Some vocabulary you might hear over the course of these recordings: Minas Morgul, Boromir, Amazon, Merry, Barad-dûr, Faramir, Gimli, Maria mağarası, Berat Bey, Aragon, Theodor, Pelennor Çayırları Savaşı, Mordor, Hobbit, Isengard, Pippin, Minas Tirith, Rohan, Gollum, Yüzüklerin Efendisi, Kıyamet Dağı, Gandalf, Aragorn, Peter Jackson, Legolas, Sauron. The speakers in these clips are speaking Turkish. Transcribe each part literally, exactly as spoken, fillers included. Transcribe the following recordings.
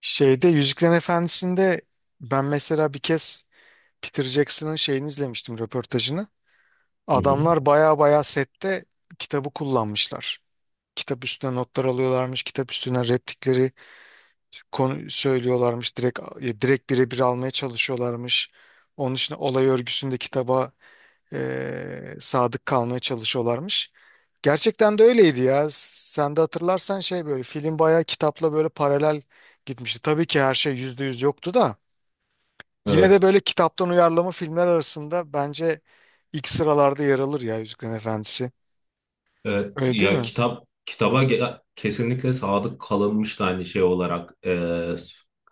Şeyde Yüzüklerin Efendisi'nde ben mesela bir kez Peter Jackson'ın şeyini izlemiştim, röportajını. Hı hı. Adamlar baya baya sette kitabı kullanmışlar. Kitap üstüne notlar alıyorlarmış, kitap üstüne replikleri konu söylüyorlarmış, direkt e, direkt birebir almaya çalışıyorlarmış. Onun için olay örgüsünde kitaba e, sadık kalmaya çalışıyorlarmış. Gerçekten de öyleydi ya. Sen de hatırlarsan şey böyle film bayağı kitapla böyle paralel gitmişti. Tabii ki her şey yüzde yüz yoktu da. Yine de Evet. böyle kitaptan uyarlama filmler arasında bence ilk sıralarda yer alır ya Yüzüklerin Efendisi. Evet. Öyle değil Ya mi? kitap kitaba ge- kesinlikle sadık kalınmış da aynı şey olarak e,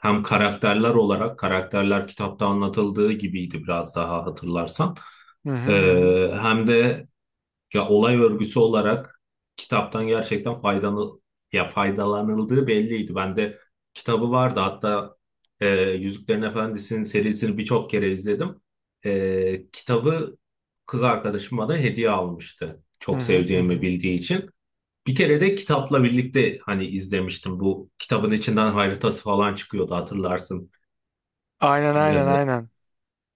hem karakterler olarak karakterler kitapta anlatıldığı gibiydi biraz daha hatırlarsan. Hı hı E, hı hı. Hem de Ya olay örgüsü olarak kitaptan gerçekten faydalı ya faydalanıldığı belliydi. Ben de kitabı vardı. Hatta e, Yüzüklerin Efendisi'nin serisini birçok kere izledim. E, kitabı kız arkadaşım bana hediye almıştı. Hı Çok hı hı seveceğimi hı. bildiği için. Bir kere de kitapla birlikte hani izlemiştim. Bu kitabın içinden haritası falan çıkıyordu hatırlarsın. Aynen aynen E, aynen.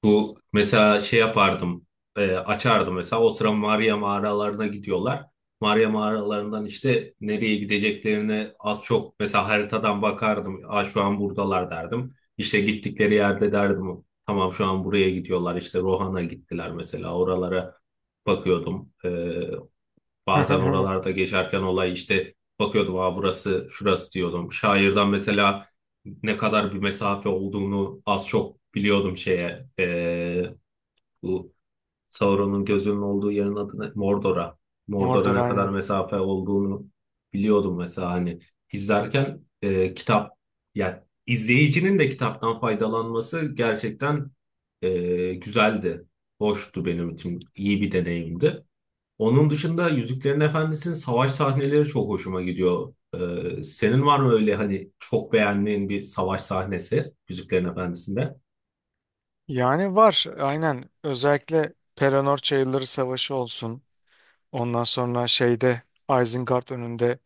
Bu mesela şey yapardım, e, açardım mesela o sıra Maria mağaralarına gidiyorlar. Maria mağaralarından işte nereye gideceklerini az çok mesela haritadan bakardım. Aa, şu an buradalar derdim. İşte gittikleri yerde derdim. Tamam şu an buraya gidiyorlar. İşte Rohan'a gittiler mesela oralara bakıyordum. E, Bazen oralarda geçerken olay işte bakıyordum, ha burası şurası diyordum. Şairden mesela ne kadar bir mesafe olduğunu az çok biliyordum şeye. Ee, bu Sauron'un gözünün olduğu yerin adı ne? Mordor'a. Mordor Mordor'a ne kadar aynen. mesafe olduğunu biliyordum mesela hani izlerken e, kitap yani izleyicinin de kitaptan faydalanması gerçekten e, güzeldi. Hoştu benim için. İyi bir deneyimdi. Onun dışında Yüzüklerin Efendisi'nin savaş sahneleri çok hoşuma gidiyor. Ee, senin var mı öyle hani çok beğendiğin bir savaş sahnesi Yüzüklerin Efendisi'nde? Yani var aynen. Özellikle Pelennor Çayırları Savaşı olsun. Ondan sonra şeyde Isengard önünde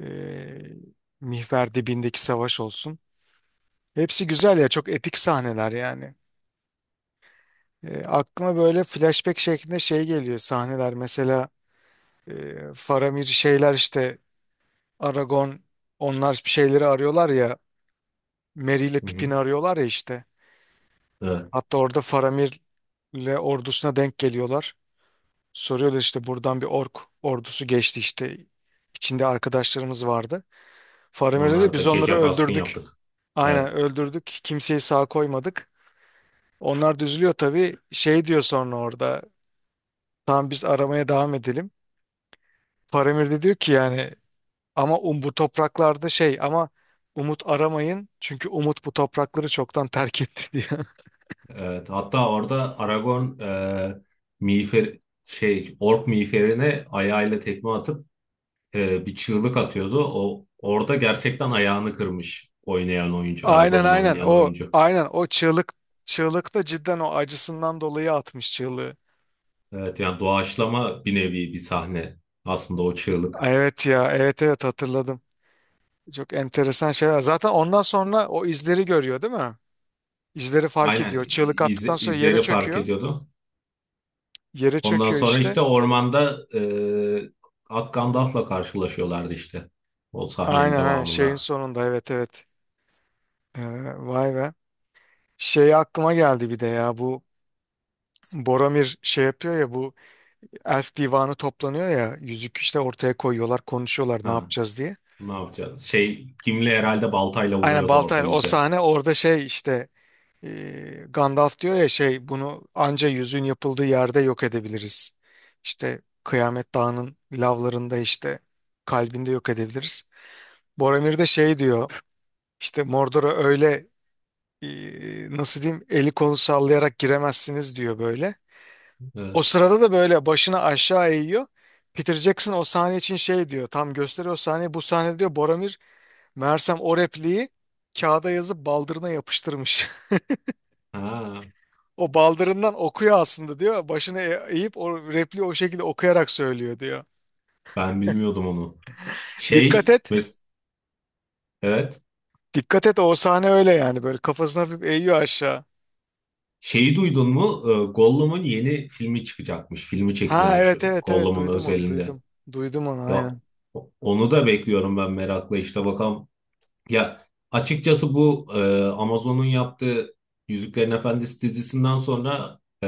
eee Mihver dibindeki savaş olsun. Hepsi güzel ya, çok epik sahneler yani. Eee, aklıma böyle flashback şeklinde şey geliyor sahneler mesela. E, Faramir şeyler işte, Aragon, onlar bir şeyleri arıyorlar ya, Merry ile Hı hı. Pippin'i arıyorlar ya işte. Evet. Hatta orada Faramir'le ordusuna denk geliyorlar. Soruyorlar işte buradan bir ork ordusu geçti işte, içinde arkadaşlarımız vardı. Faramir'e de Onlar da biz onları gece baskın öldürdük. yaptık. Aynen Evet. öldürdük. Kimseyi sağ koymadık. Onlar da üzülüyor tabii. Şey diyor sonra orada. Tamam biz aramaya devam edelim. Faramir de diyor ki yani, ama um, bu topraklarda şey, ama umut aramayın çünkü umut bu toprakları çoktan terk etti diyor. Evet. Hatta orada Aragorn e, miğfer şey ork miğferine ayağıyla tekme atıp e, bir çığlık atıyordu. O orada gerçekten ayağını kırmış oynayan oyuncu, Aynen Aragorn'u aynen oynayan o, oyuncu. aynen o çığlık, çığlık da cidden o acısından dolayı atmış çığlığı. Evet, yani doğaçlama bir nevi bir sahne aslında o çığlık. Evet ya, evet evet hatırladım. Çok enteresan şeyler. Zaten ondan sonra o izleri görüyor değil mi? İzleri fark Aynen, ediyor. Çığlık iz, attıktan sonra yere izleri fark çöküyor. ediyordu. Yere Ondan çöküyor sonra işte. işte ormanda e, Ak Gandalf'la karşılaşıyorlardı işte o sahnenin Aynen aynen şeyin devamında. sonunda, evet evet. Ee, Vay be. Şey aklıma geldi bir de ya, bu Boromir şey yapıyor ya, bu Elf divanı toplanıyor ya, yüzük işte ortaya koyuyorlar, konuşuyorlar ne Ha. yapacağız diye. Ne yapacağız? Şey Gimli herhalde baltayla Aynen vuruyordu orada Baltayr o yüze. sahne orada şey işte, e, Gandalf diyor ya şey, bunu anca yüzüğün yapıldığı yerde yok edebiliriz. İşte Kıyamet Dağı'nın lavlarında işte kalbinde yok edebiliriz. Boromir de şey diyor, işte Mordor'a öyle e, nasıl diyeyim, eli kolu sallayarak giremezsiniz diyor böyle. O Evet. sırada da böyle başını aşağı eğiyor. Peter Jackson o sahne için şey diyor. Tam gösteriyor o sahneyi. Bu sahne diyor, Boromir meğersem o repliği kağıda yazıp baldırına yapıştırmış. Ha, O baldırından okuyor aslında diyor. Başını e- eğip o repliği o şekilde okuyarak söylüyor diyor. ben bilmiyordum onu. Dikkat Şey et. mes- evet. Dikkat et o sahne öyle yani. Böyle kafasını hafif eğiyor aşağı. Şeyi duydun mu? Ee, Gollum'un yeni filmi çıkacakmış. Filmi Ha çekiliyormuş evet evet evet, Gollum'un duydum onu, özelinde. duydum. Duydum onu Ya aynen. o- onu da bekliyorum ben merakla. İşte bakalım. Ya açıkçası bu e, Amazon'un yaptığı Yüzüklerin Efendisi dizisinden sonra e,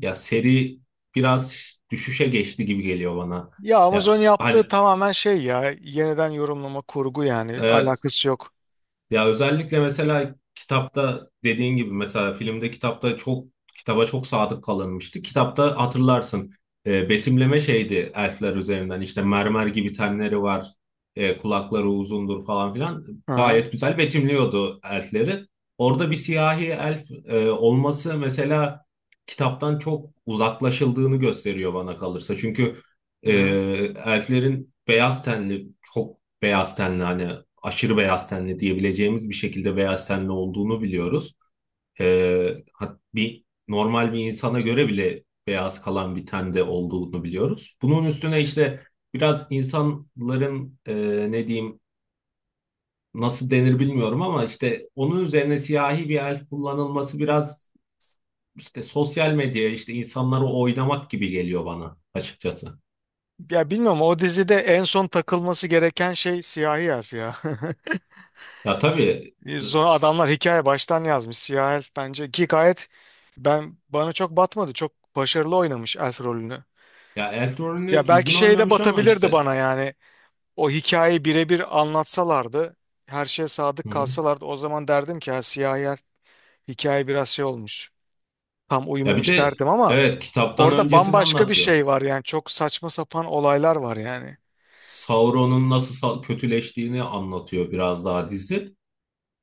ya seri biraz düşüşe geçti gibi geliyor bana. Ya Amazon Ya yaptığı hani tamamen şey ya. Yeniden yorumlama kurgu yani. e, Alakası yok. ya özellikle mesela kitapta dediğin gibi mesela filmde kitapta çok kitaba çok sadık kalınmıştı. Kitapta hatırlarsın e, betimleme şeydi, elfler üzerinden işte mermer gibi tenleri var, e, kulakları uzundur falan filan, Hı hı. gayet güzel betimliyordu elfleri. Orada bir siyahi elf e, olması mesela kitaptan çok uzaklaşıldığını gösteriyor bana kalırsa. Çünkü Hı e, hı. elflerin beyaz tenli çok beyaz tenli hani aşırı beyaz tenli diyebileceğimiz bir şekilde beyaz tenli olduğunu biliyoruz. Ee, hat- bir normal bir insana göre bile beyaz kalan bir tende olduğunu biliyoruz. Bunun üstüne işte biraz insanların e, ne diyeyim nasıl denir bilmiyorum, ama işte onun üzerine siyahi bir el kullanılması biraz işte sosyal medyaya işte insanları oynamak gibi geliyor bana açıkçası. Ya bilmiyorum, o dizide en son takılması gereken şey siyahi elf ya. Ya tabii, Sonra adamlar hikaye baştan yazmış. Siyahi elf bence ki gayet, ben bana çok batmadı. Çok başarılı oynamış elf rolünü. ya Elf rolünü Ya belki düzgün şey de oynamış ama batabilirdi işte. bana yani. O hikayeyi birebir anlatsalardı, her şeye Hı sadık hı. kalsalardı o zaman derdim ki ha, siyahi elf, hikaye biraz şey olmuş. Tam Ya bir uyumamış de derdim ama evet, kitaptan orada öncesini bambaşka bir anlatıyor. şey var yani. Çok saçma sapan olaylar var yani. Sauron'un nasıl sa- kötüleştiğini anlatıyor biraz daha dizi.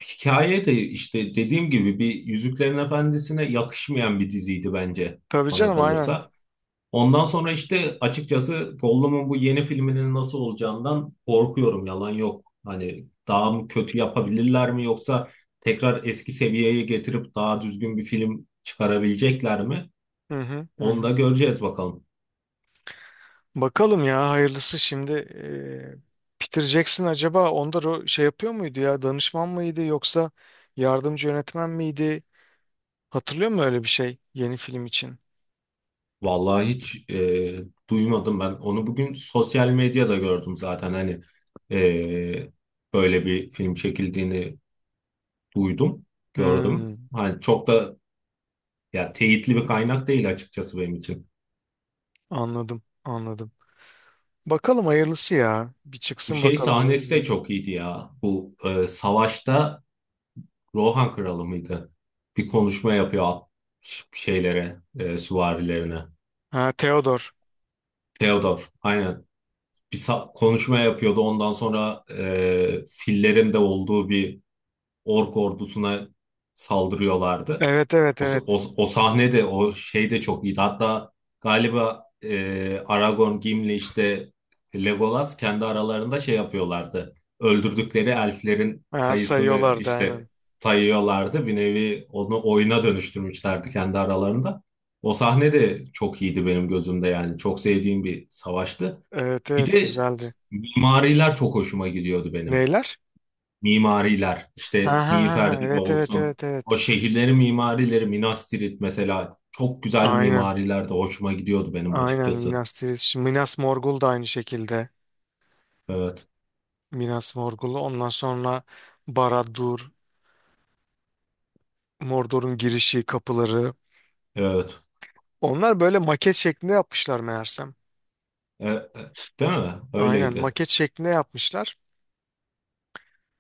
Hikaye de işte dediğim gibi bir Yüzüklerin Efendisi'ne yakışmayan bir diziydi bence, Tabii bana canım aynen. kalırsa. Ondan sonra işte açıkçası Gollum'un bu yeni filminin nasıl olacağından korkuyorum, yalan yok. Hani daha mı kötü yapabilirler mi, yoksa tekrar eski seviyeye getirip daha düzgün bir film çıkarabilecekler mi? Hı hı hı Onu da hı. göreceğiz bakalım. Bakalım ya, hayırlısı şimdi. e, Peter Jackson acaba onda ro- şey yapıyor muydu ya, danışman mıydı yoksa yardımcı yönetmen miydi? Hatırlıyor musun öyle bir şey yeni film için? Vallahi hiç e, duymadım ben. Onu bugün sosyal medyada gördüm zaten. Hani e, böyle bir film çekildiğini duydum, gördüm. Hmm, Hani çok da ya, teyitli bir kaynak değil açıkçası benim için. Anladım anladım. Bakalım hayırlısı ya, bir Bu çıksın şey bakalım o sahnesi de yüzden. çok iyiydi ya. Bu e, savaşta Rohan kralı mıydı? Bir konuşma yapıyor at- şeylere, e, süvarilerine. Ha Theodore. Theodor, aynen. Bir sa- konuşma yapıyordu. Ondan sonra e, fillerin de olduğu bir ork ordusuna saldırıyorlardı. Evet evet O, evet. O, o sahne de o şey de çok iyiydi. Hatta galiba e, Aragorn, Gimli işte Legolas kendi aralarında şey yapıyorlardı. Öldürdükleri elflerin Ha, sayısını sayıyorlardı işte aynen. sayıyorlardı. Bir nevi onu oyuna dönüştürmüşlerdi kendi aralarında. O sahne de çok iyiydi benim gözümde yani. Çok sevdiğim bir savaştı. Evet Bir evet de güzeldi. mimariler çok hoşuma gidiyordu benim. Neyler? Mimariler, Ha işte ha ha ha, Miğfer evet evet olsun. evet O evet. şehirlerin mimarileri, Minas Tirith mesela, çok güzel Aynen mimariler de hoşuma gidiyordu benim aynen açıkçası. Minas, Tirith- Minas Morgul da aynı şekilde. Evet, Minas Morgul'u. Ondan sonra Barad-dûr, Mordor'un girişi, kapıları. evet. Onlar böyle maket şeklinde yapmışlar meğersem. E, e, değil mi? Aynen Öyleydi. maket şeklinde yapmışlar.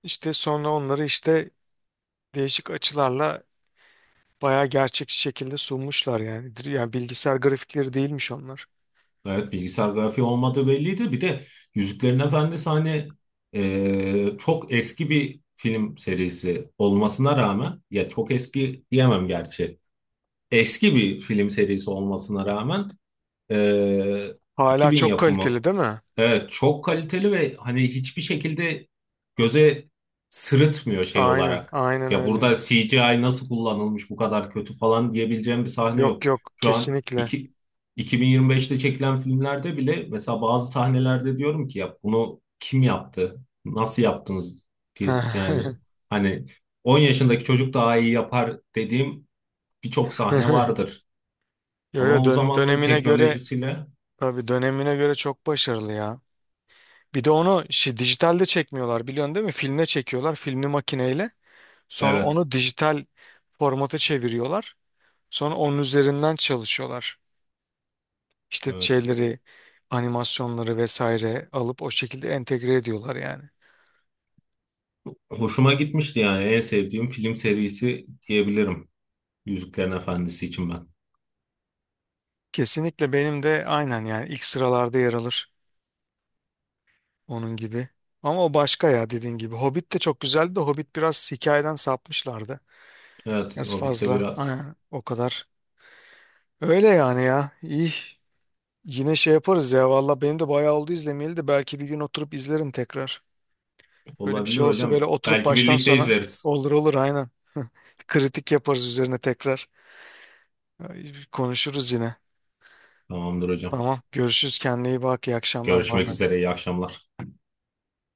İşte sonra onları işte değişik açılarla bayağı gerçekçi şekilde sunmuşlar yani. Dir- Yani bilgisayar grafikleri değilmiş onlar. Evet, bilgisayar grafiği olmadığı belliydi. Bir de Yüzüklerin Efendisi hani e, çok eski bir film serisi olmasına rağmen, ya çok eski diyemem gerçi, eski bir film serisi olmasına rağmen e, Hala iki bin çok yapımı. kaliteli değil mi? Evet, çok kaliteli ve hani hiçbir şekilde göze sırıtmıyor şey Aynen, olarak. aynen Ya öyle. burada C G I nasıl kullanılmış bu kadar kötü falan diyebileceğim bir sahne yok. Yok yok, Şu an kesinlikle. iki, 2025'te çekilen filmlerde bile mesela bazı sahnelerde diyorum ki ya bunu kim yaptı? Nasıl yaptınız? Bir- Yani hani on yaşındaki çocuk daha iyi yapar dediğim birçok sahne vardır. Yo yo, Ama o dön- zamanın dönemine göre, teknolojisiyle tabii dönemine göre çok başarılı ya. Bir de onu şi- dijitalde çekmiyorlar, biliyorsun değil mi? Filme çekiyorlar, filmli makineyle. Sonra evet, onu dijital formata çeviriyorlar. Sonra onun üzerinden çalışıyorlar. İşte evet. şeyleri, animasyonları vesaire alıp o şekilde entegre ediyorlar yani. Hoşuma gitmişti, yani en sevdiğim film serisi diyebilirim. Yüzüklerin Efendisi için ben. Kesinlikle, benim de aynen yani, ilk sıralarda yer alır onun gibi. Ama o başka ya, dediğin gibi. Hobbit de çok güzeldi de Hobbit biraz hikayeden sapmışlardı. Evet, Biraz Hobbit'te fazla biraz aynen, o kadar. Öyle yani ya. İyi, yine şey yaparız ya valla, benim de bayağı oldu izlemeyeli de, belki bir gün oturup izlerim tekrar. Öyle bir olabilir şey olsa böyle hocam. oturup Belki baştan birlikte sona, izleriz. olur olur aynen. Kritik yaparız üzerine tekrar. Ay, konuşuruz yine. Tamamdır hocam. Tamam görüşürüz, kendine iyi bak, iyi akşamlar, bay Görüşmek bay. üzere, iyi akşamlar.